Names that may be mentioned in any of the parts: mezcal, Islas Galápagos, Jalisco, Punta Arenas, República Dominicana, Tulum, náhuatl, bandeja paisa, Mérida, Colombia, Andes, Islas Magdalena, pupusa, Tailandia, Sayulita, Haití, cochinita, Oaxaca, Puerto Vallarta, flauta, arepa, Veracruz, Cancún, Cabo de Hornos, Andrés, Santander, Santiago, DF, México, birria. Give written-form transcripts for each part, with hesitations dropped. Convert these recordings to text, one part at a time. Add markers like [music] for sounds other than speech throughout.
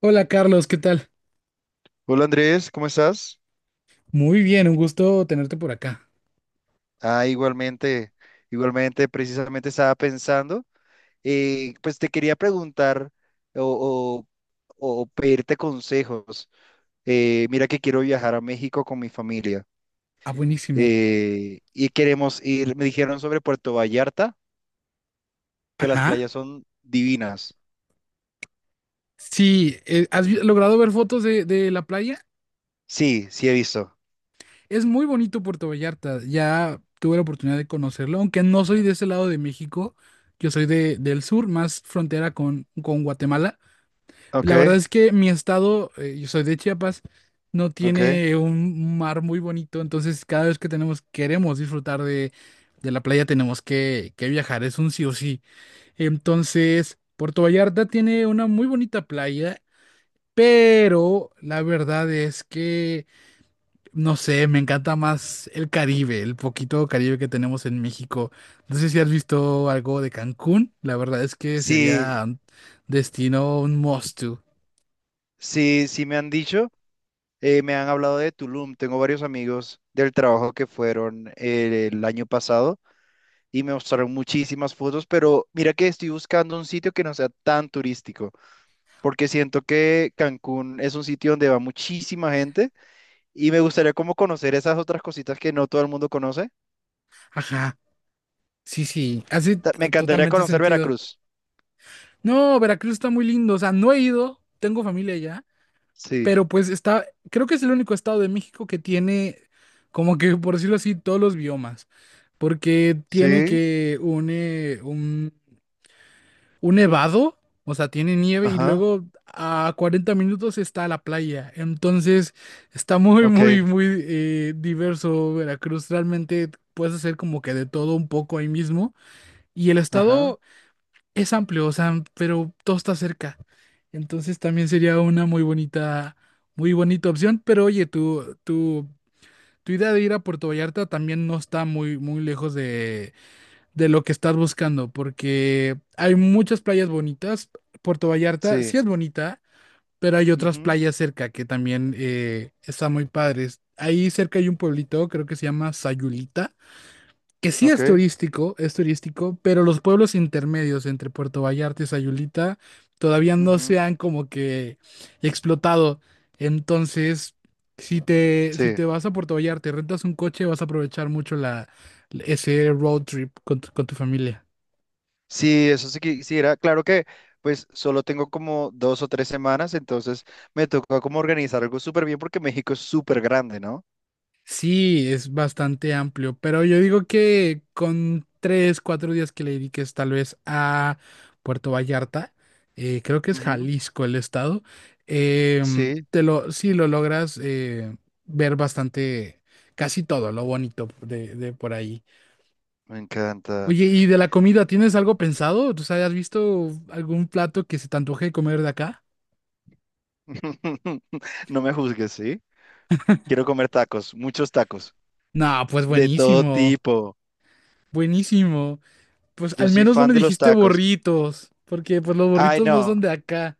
Hola Carlos, ¿qué tal? Hola Andrés, ¿cómo estás? Muy bien, un gusto tenerte por acá. Igualmente, igualmente, precisamente estaba pensando, pues te quería preguntar o, o pedirte consejos. Mira que quiero viajar a México con mi familia Ah, buenísimo. Y queremos ir, me dijeron sobre Puerto Vallarta, que las Ajá. playas son divinas. Sí, ¿has logrado ver fotos de la playa? Sí, sí he visto. Es muy bonito Puerto Vallarta. Ya tuve la oportunidad de conocerlo, aunque no soy de ese lado de México. Yo soy del sur, más frontera con Guatemala. Ok, La verdad es que mi estado, yo soy de Chiapas, no ok. tiene un mar muy bonito, entonces cada vez que tenemos, queremos disfrutar de la playa, tenemos que viajar, es un sí o sí. Entonces, Puerto Vallarta tiene una muy bonita playa, pero la verdad es que, no sé, me encanta más el Caribe, el poquito Caribe que tenemos en México. No sé si has visto algo de Cancún, la verdad es que Sí, sería un destino, un must to. sí, sí me han dicho. Me han hablado de Tulum, tengo varios amigos del trabajo que fueron el año pasado y me mostraron muchísimas fotos, pero mira que estoy buscando un sitio que no sea tan turístico, porque siento que Cancún es un sitio donde va muchísima gente y me gustaría como conocer esas otras cositas que no todo el mundo conoce. Ajá. Sí, sí, hace Me encantaría totalmente conocer sentido. Veracruz. No, Veracruz está muy lindo, o sea, no he ido, tengo familia allá, Sí, pero pues está, creo que es el único estado de México que tiene, como que por decirlo así, todos los biomas, porque tiene sí, que un, un nevado, o sea, tiene nieve y ajá, luego a 40 minutos está la playa, entonces está muy, ok, muy, muy diverso Veracruz, realmente puedes hacer como que de todo un poco ahí mismo. Y el ajá, estado es amplio, o sea, pero todo está cerca. Entonces también sería una muy bonita opción. Pero oye, tu idea de ir a Puerto Vallarta también no está muy, muy lejos de lo que estás buscando, porque hay muchas playas bonitas. Puerto Vallarta sí, sí es bonita, pero hay otras ujú, playas cerca que también están muy padres. Ahí cerca hay un pueblito, creo que se llama Sayulita que sí ok, es turístico, pero los pueblos intermedios entre Puerto Vallarta y Sayulita todavía no ujú, se han como que explotado. Entonces, si sí. te vas a Puerto Vallarta y rentas un coche, vas a aprovechar mucho ese road trip con tu familia. Sí, eso sí quisiera. Claro que pues solo tengo como dos o tres semanas, entonces me toca como organizar algo súper bien porque México es súper grande, ¿no? Sí, es bastante amplio, pero yo digo que con 3, 4 días que le dediques tal vez a Puerto Vallarta, creo que es Ujú, Jalisco el estado, sí, sí lo logras ver bastante, casi todo lo bonito de por ahí. me encanta. Oye, ¿y de la comida tienes algo pensado? ¿Tú sabes, has visto algún plato que se te antoje comer de acá? [laughs] No me juzgues, ¿sí? Quiero comer tacos, muchos tacos, No, pues de todo buenísimo, tipo. buenísimo. Pues Yo al soy menos no fan me de los dijiste tacos. burritos, porque pues los Ay, burritos no no, son de acá.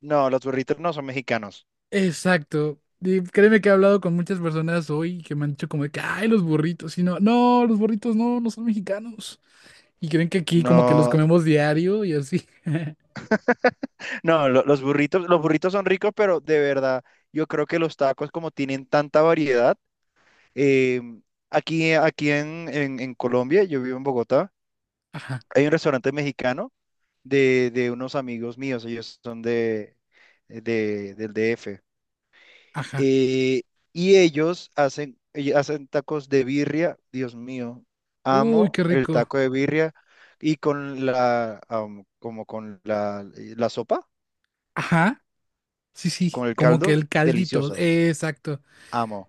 no, los burritos no son mexicanos. Exacto. Y créeme que he hablado con muchas personas hoy que me han dicho como de que, ay, los burritos, y no, no, los burritos no, no son mexicanos. Y creen que aquí como que los No, comemos diario y así. [laughs] [laughs] no, los burritos, los burritos son ricos, pero de verdad, yo creo que los tacos como tienen tanta variedad. Eh, aquí en, en Colombia, yo vivo en Bogotá, Ajá, hay un restaurante mexicano de unos amigos míos, ellos son de, del DF. ajá. eh, y ellos hacen tacos de birria, Dios mío, Uy, amo qué el rico. taco de birria y con la, como con la, la sopa, Ajá. Sí, sí, con el como que caldo, el caldito. delicioso, Exacto. amo,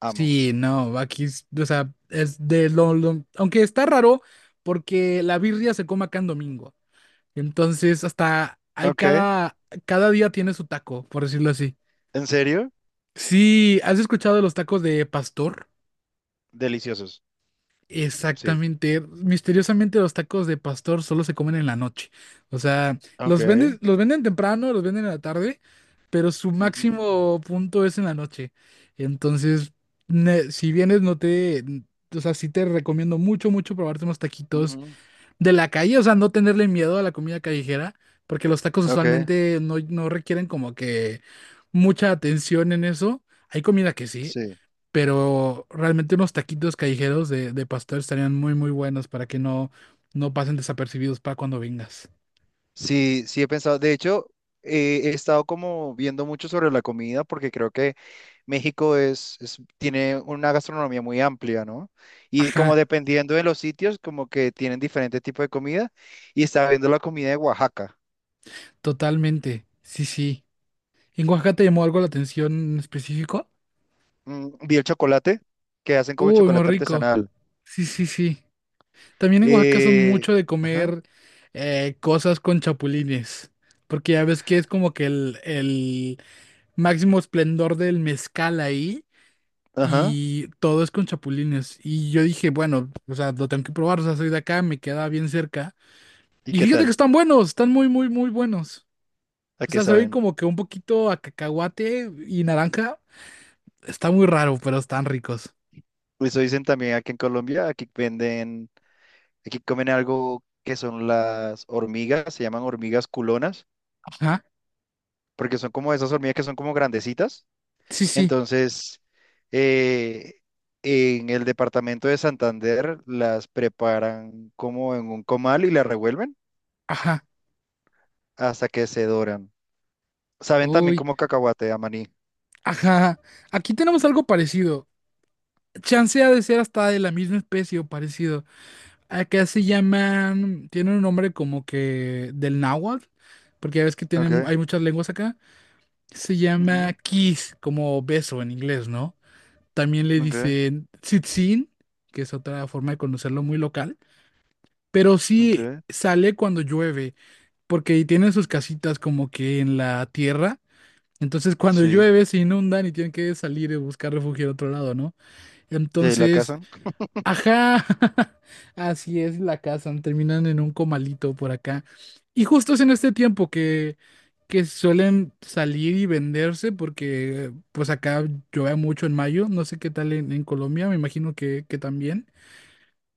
amo. Sí, no, aquí, o sea, es de lo, aunque está raro porque la birria se come acá en domingo. Entonces, hasta hay Ok, cada día tiene su taco, por decirlo así. ¿en serio? Sí, ¿has escuchado de los tacos de pastor? Deliciosos, sí. Exactamente. Misteriosamente los tacos de pastor solo se comen en la noche. O sea, Ok. los venden temprano, los venden en la tarde, pero su máximo punto es en la noche. Entonces, si vienes, no te, o sea, sí te recomiendo mucho, mucho probarte unos taquitos Ujú, de la calle, o sea, no tenerle miedo a la comida callejera, porque los tacos ok, usualmente no, no requieren como que mucha atención en eso. Hay comida que sí, sí. pero realmente unos taquitos callejeros de pastor estarían muy, muy buenos para que no, no pasen desapercibidos para cuando vengas. Sí, sí he pensado. De hecho, he estado como viendo mucho sobre la comida porque creo que México es, tiene una gastronomía muy amplia, ¿no? Y Ajá, como dependiendo de los sitios, como que tienen diferente tipo de comida. Y estaba viendo la comida de Oaxaca. totalmente. Sí, sí. ¿En Oaxaca te llamó algo la atención en específico? Mm, vi el chocolate, que hacen como Uy, muy chocolate rico. artesanal. Sí, sí, sí. También en Oaxaca son mucho de Ajá, comer cosas con chapulines, porque ya ves que es como que el máximo esplendor del mezcal ahí ajá. y todo es con chapulines. Y yo dije, bueno, o sea, lo tengo que probar, o sea, soy de acá, me queda bien cerca. ¿Y Y qué fíjate que tal? están buenos, están muy, muy, muy buenos. ¿A O qué sea, saben saben? como que un poquito a cacahuate y naranja. Está muy raro, pero están ricos. Eso dicen también aquí en Colombia, aquí venden. Aquí comen algo que son las hormigas, se llaman hormigas culonas, Ajá. porque son como esas hormigas que son como grandecitas. Sí, sí. Entonces, eh, en el departamento de Santander las preparan como en un comal y las revuelven Ajá. hasta que se doran. Saben también Uy. como cacahuate, a maní. Ajá. Aquí tenemos algo parecido. Chance ha de ser hasta de la misma especie o parecido. Acá se llaman, tiene un nombre como que del náhuatl, porque ya ves que tienen, Okay, hay muchas lenguas acá. Se llama ujú, kiss, como beso en inglés, ¿no? También le ok, dicen tzitzín, que es otra forma de conocerlo muy local, pero ok, sí sale cuando llueve, porque tienen sus casitas como que en la tierra. Entonces cuando sí. llueve se inundan y tienen que salir y buscar refugio en otro lado, ¿no? ¿Y ahí la Entonces, cazan? ajá, [laughs] así es, la cazan, terminan en un comalito por acá. Y justo es en este tiempo que suelen salir y venderse porque pues acá llueve mucho en mayo, no sé qué tal en Colombia, me imagino que también,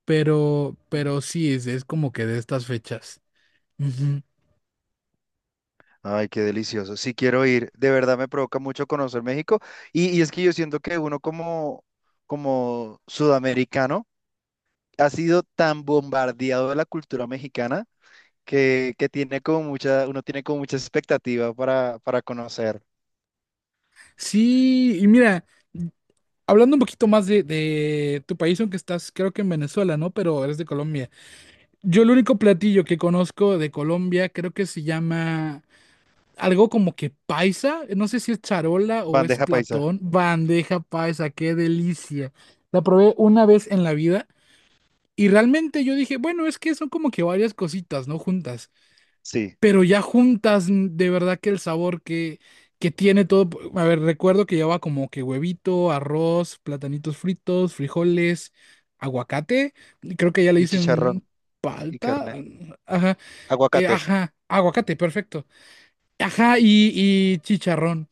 pero sí, es como que de estas fechas. Ujú. Ay, qué delicioso. Sí quiero ir. De verdad me provoca mucho conocer México. Y es que yo siento que uno como, como sudamericano ha sido tan bombardeado de la cultura mexicana que tiene como mucha, uno tiene como mucha expectativa para conocer. Sí, y mira, hablando un poquito más de tu país, aunque estás creo que en Venezuela, ¿no? Pero eres de Colombia. Yo el único platillo que conozco de Colombia creo que se llama algo como que paisa, no sé si es charola o es Bandeja paisa, platón, bandeja paisa, qué delicia. La probé una vez en la vida y realmente yo dije, bueno, es que son como que varias cositas, ¿no? Juntas, sí. pero ya juntas, de verdad que el sabor que tiene todo, a ver, recuerdo que llevaba como que huevito, arroz, platanitos fritos, frijoles, aguacate, creo que ya le Y dicen chicharrón y palta, carne. mm, ajá. Aguacate. Ajá, aguacate, perfecto. Ajá, y chicharrón.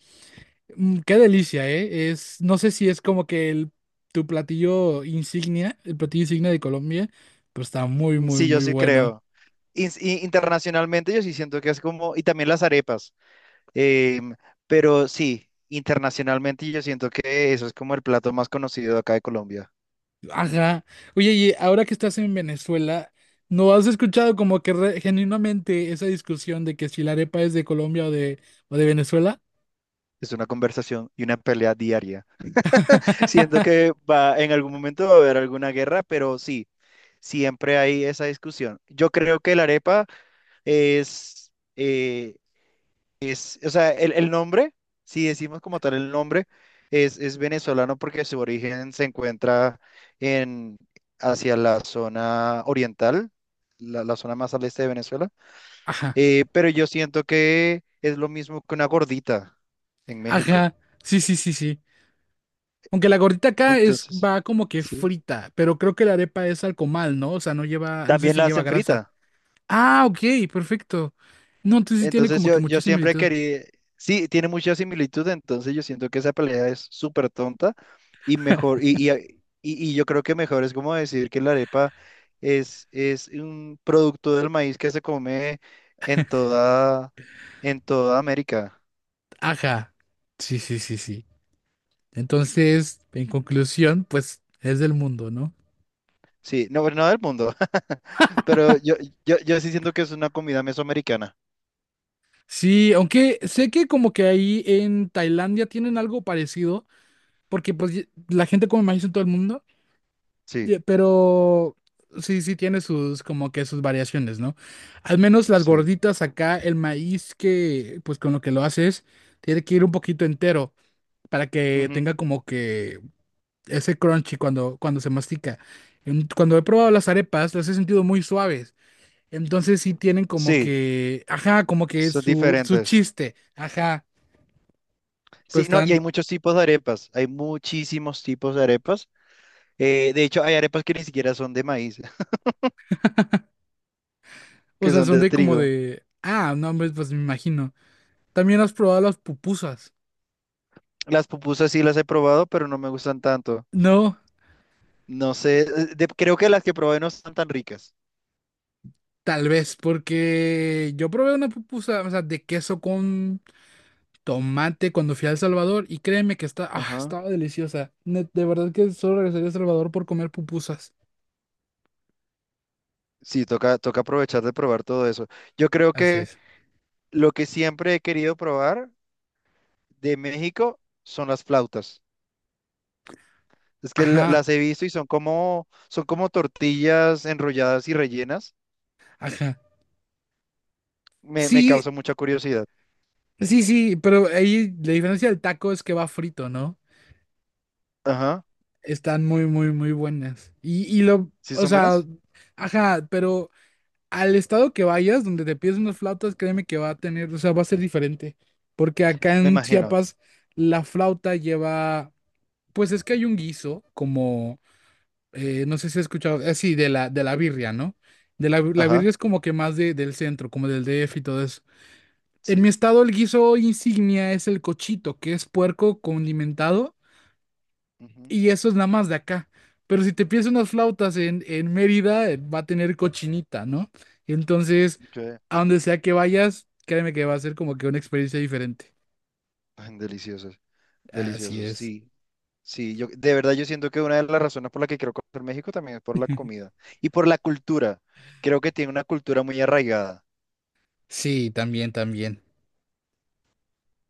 Qué delicia, ¿eh? Es, no sé si es como que tu platillo insignia, el platillo insignia de Colombia, pero está muy, Mm, muy, sí, yo muy sí bueno. creo. Y internacionalmente yo sí siento que es como, y también las arepas. Em, pero sí, internacionalmente yo siento que eso es como el plato más conocido acá de Colombia. Ajá. Oye, y ahora que estás en Venezuela, ¿no has escuchado como que genuinamente esa discusión de que si la arepa es de Colombia o de Venezuela? Es una conversación y una pelea diaria. [laughs] Siento [laughs] que va, en algún momento va a haber alguna guerra, pero sí, siempre hay esa discusión. Yo creo que la arepa es, eh, es, o sea, el nombre, si decimos como tal el nombre, es venezolano porque su origen se encuentra en, hacia la zona oriental, la zona más al este de Venezuela. Ajá, Pero yo siento que es lo mismo que una gordita en México. ajá. Sí, sí, sí, sí. Aunque la gordita acá es, Entonces, va como que sí. frita, pero creo que la arepa es al comal, ¿no? O sea, no lleva, no sé También si la lleva hacen grasa. frita. Ah, ok, perfecto. No, entonces sí tiene Entonces como que yo, mucha yo siempre similitud. quería, sí, tiene mucha similitud, entonces yo siento que esa pelea es súper tonta y mejor, y, y yo creo que mejor es como decir que la arepa es un producto del maíz que se come en toda, en toda América. Ajá. Sí, sí, sí, sí. Entonces, en conclusión, pues es del mundo, ¿no? Sí, no, no del mundo, [laughs] pero yo sí siento que es una comida mesoamericana. Sí, aunque sé que como que ahí en Tailandia tienen algo parecido, porque pues la gente come maíz en todo el mundo, Sí, ya, pero sí, sí tiene sus, como que sus variaciones, ¿no? Al menos las sí. gorditas acá, el maíz que, pues con lo que lo haces, tiene que ir un poquito entero para que tenga Ujú. como que ese crunchy cuando se mastica. Cuando he probado las arepas, las he sentido muy suaves. Entonces sí tienen como Sí, que, ajá, como que son su diferentes. chiste, ajá, pues Sí, no, y están, hay muchos tipos de arepas. Hay muchísimos tipos de arepas. De hecho, hay arepas que ni siquiera son de maíz, [laughs] o que sea, son son de de como trigo. de, no, hombre, pues me imagino. También has probado las pupusas, Las pupusas sí las he probado, pero no me gustan tanto. ¿no? No sé, creo que las que probé no están tan ricas. Tal vez, porque yo probé una pupusa, o sea, de queso con tomate cuando fui a El Salvador y créeme que está, Ajá. estaba deliciosa. De verdad que solo regresaría a El Salvador por comer pupusas. Sí, toca, toca aprovechar de probar todo eso. Yo creo Así que es. lo que siempre he querido probar de México son las flautas. Es que Ajá, las he visto y son como tortillas enrolladas y rellenas. ajá. Me Sí, causa mucha curiosidad. sí, sí, pero ahí la diferencia del taco es que va frito, ¿no? Ajá. Están muy, muy, muy buenas. Y lo, ¿Sí o son sea, buenas? ajá, pero al estado que vayas, donde te pides unas flautas, créeme que va a tener, o sea, va a ser diferente. Porque acá Me en imagino. Chiapas la flauta lleva, pues es que hay un guiso, como, no sé si has escuchado, así, de la birria, ¿no? La birria Ajá. es como que más del centro, como del DF y todo eso. En mi Sí. estado el guiso insignia es el cochito, que es puerco condimentado Ujú. y eso es nada más de acá. Pero si te pides unas flautas en Mérida, va a tener cochinita, ¿no? Entonces, Ok. a donde sea que vayas, créeme que va a ser como que una experiencia diferente. Ay, deliciosos. Así Deliciosos. es. Sí. Sí. Yo, de verdad, yo siento que una de las razones por la que quiero conocer México también es por la [laughs] comida y por la cultura. Creo que tiene una cultura muy arraigada. Sí, también, también.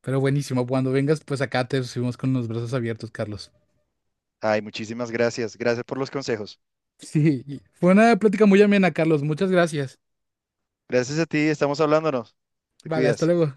Pero buenísimo, cuando vengas, pues acá te recibimos con los brazos abiertos, Carlos. Ay, muchísimas gracias. Gracias por los consejos. Sí, fue una plática muy amena, Carlos. Muchas gracias. Gracias a ti. Estamos hablándonos. Te Vale, hasta cuidas. luego.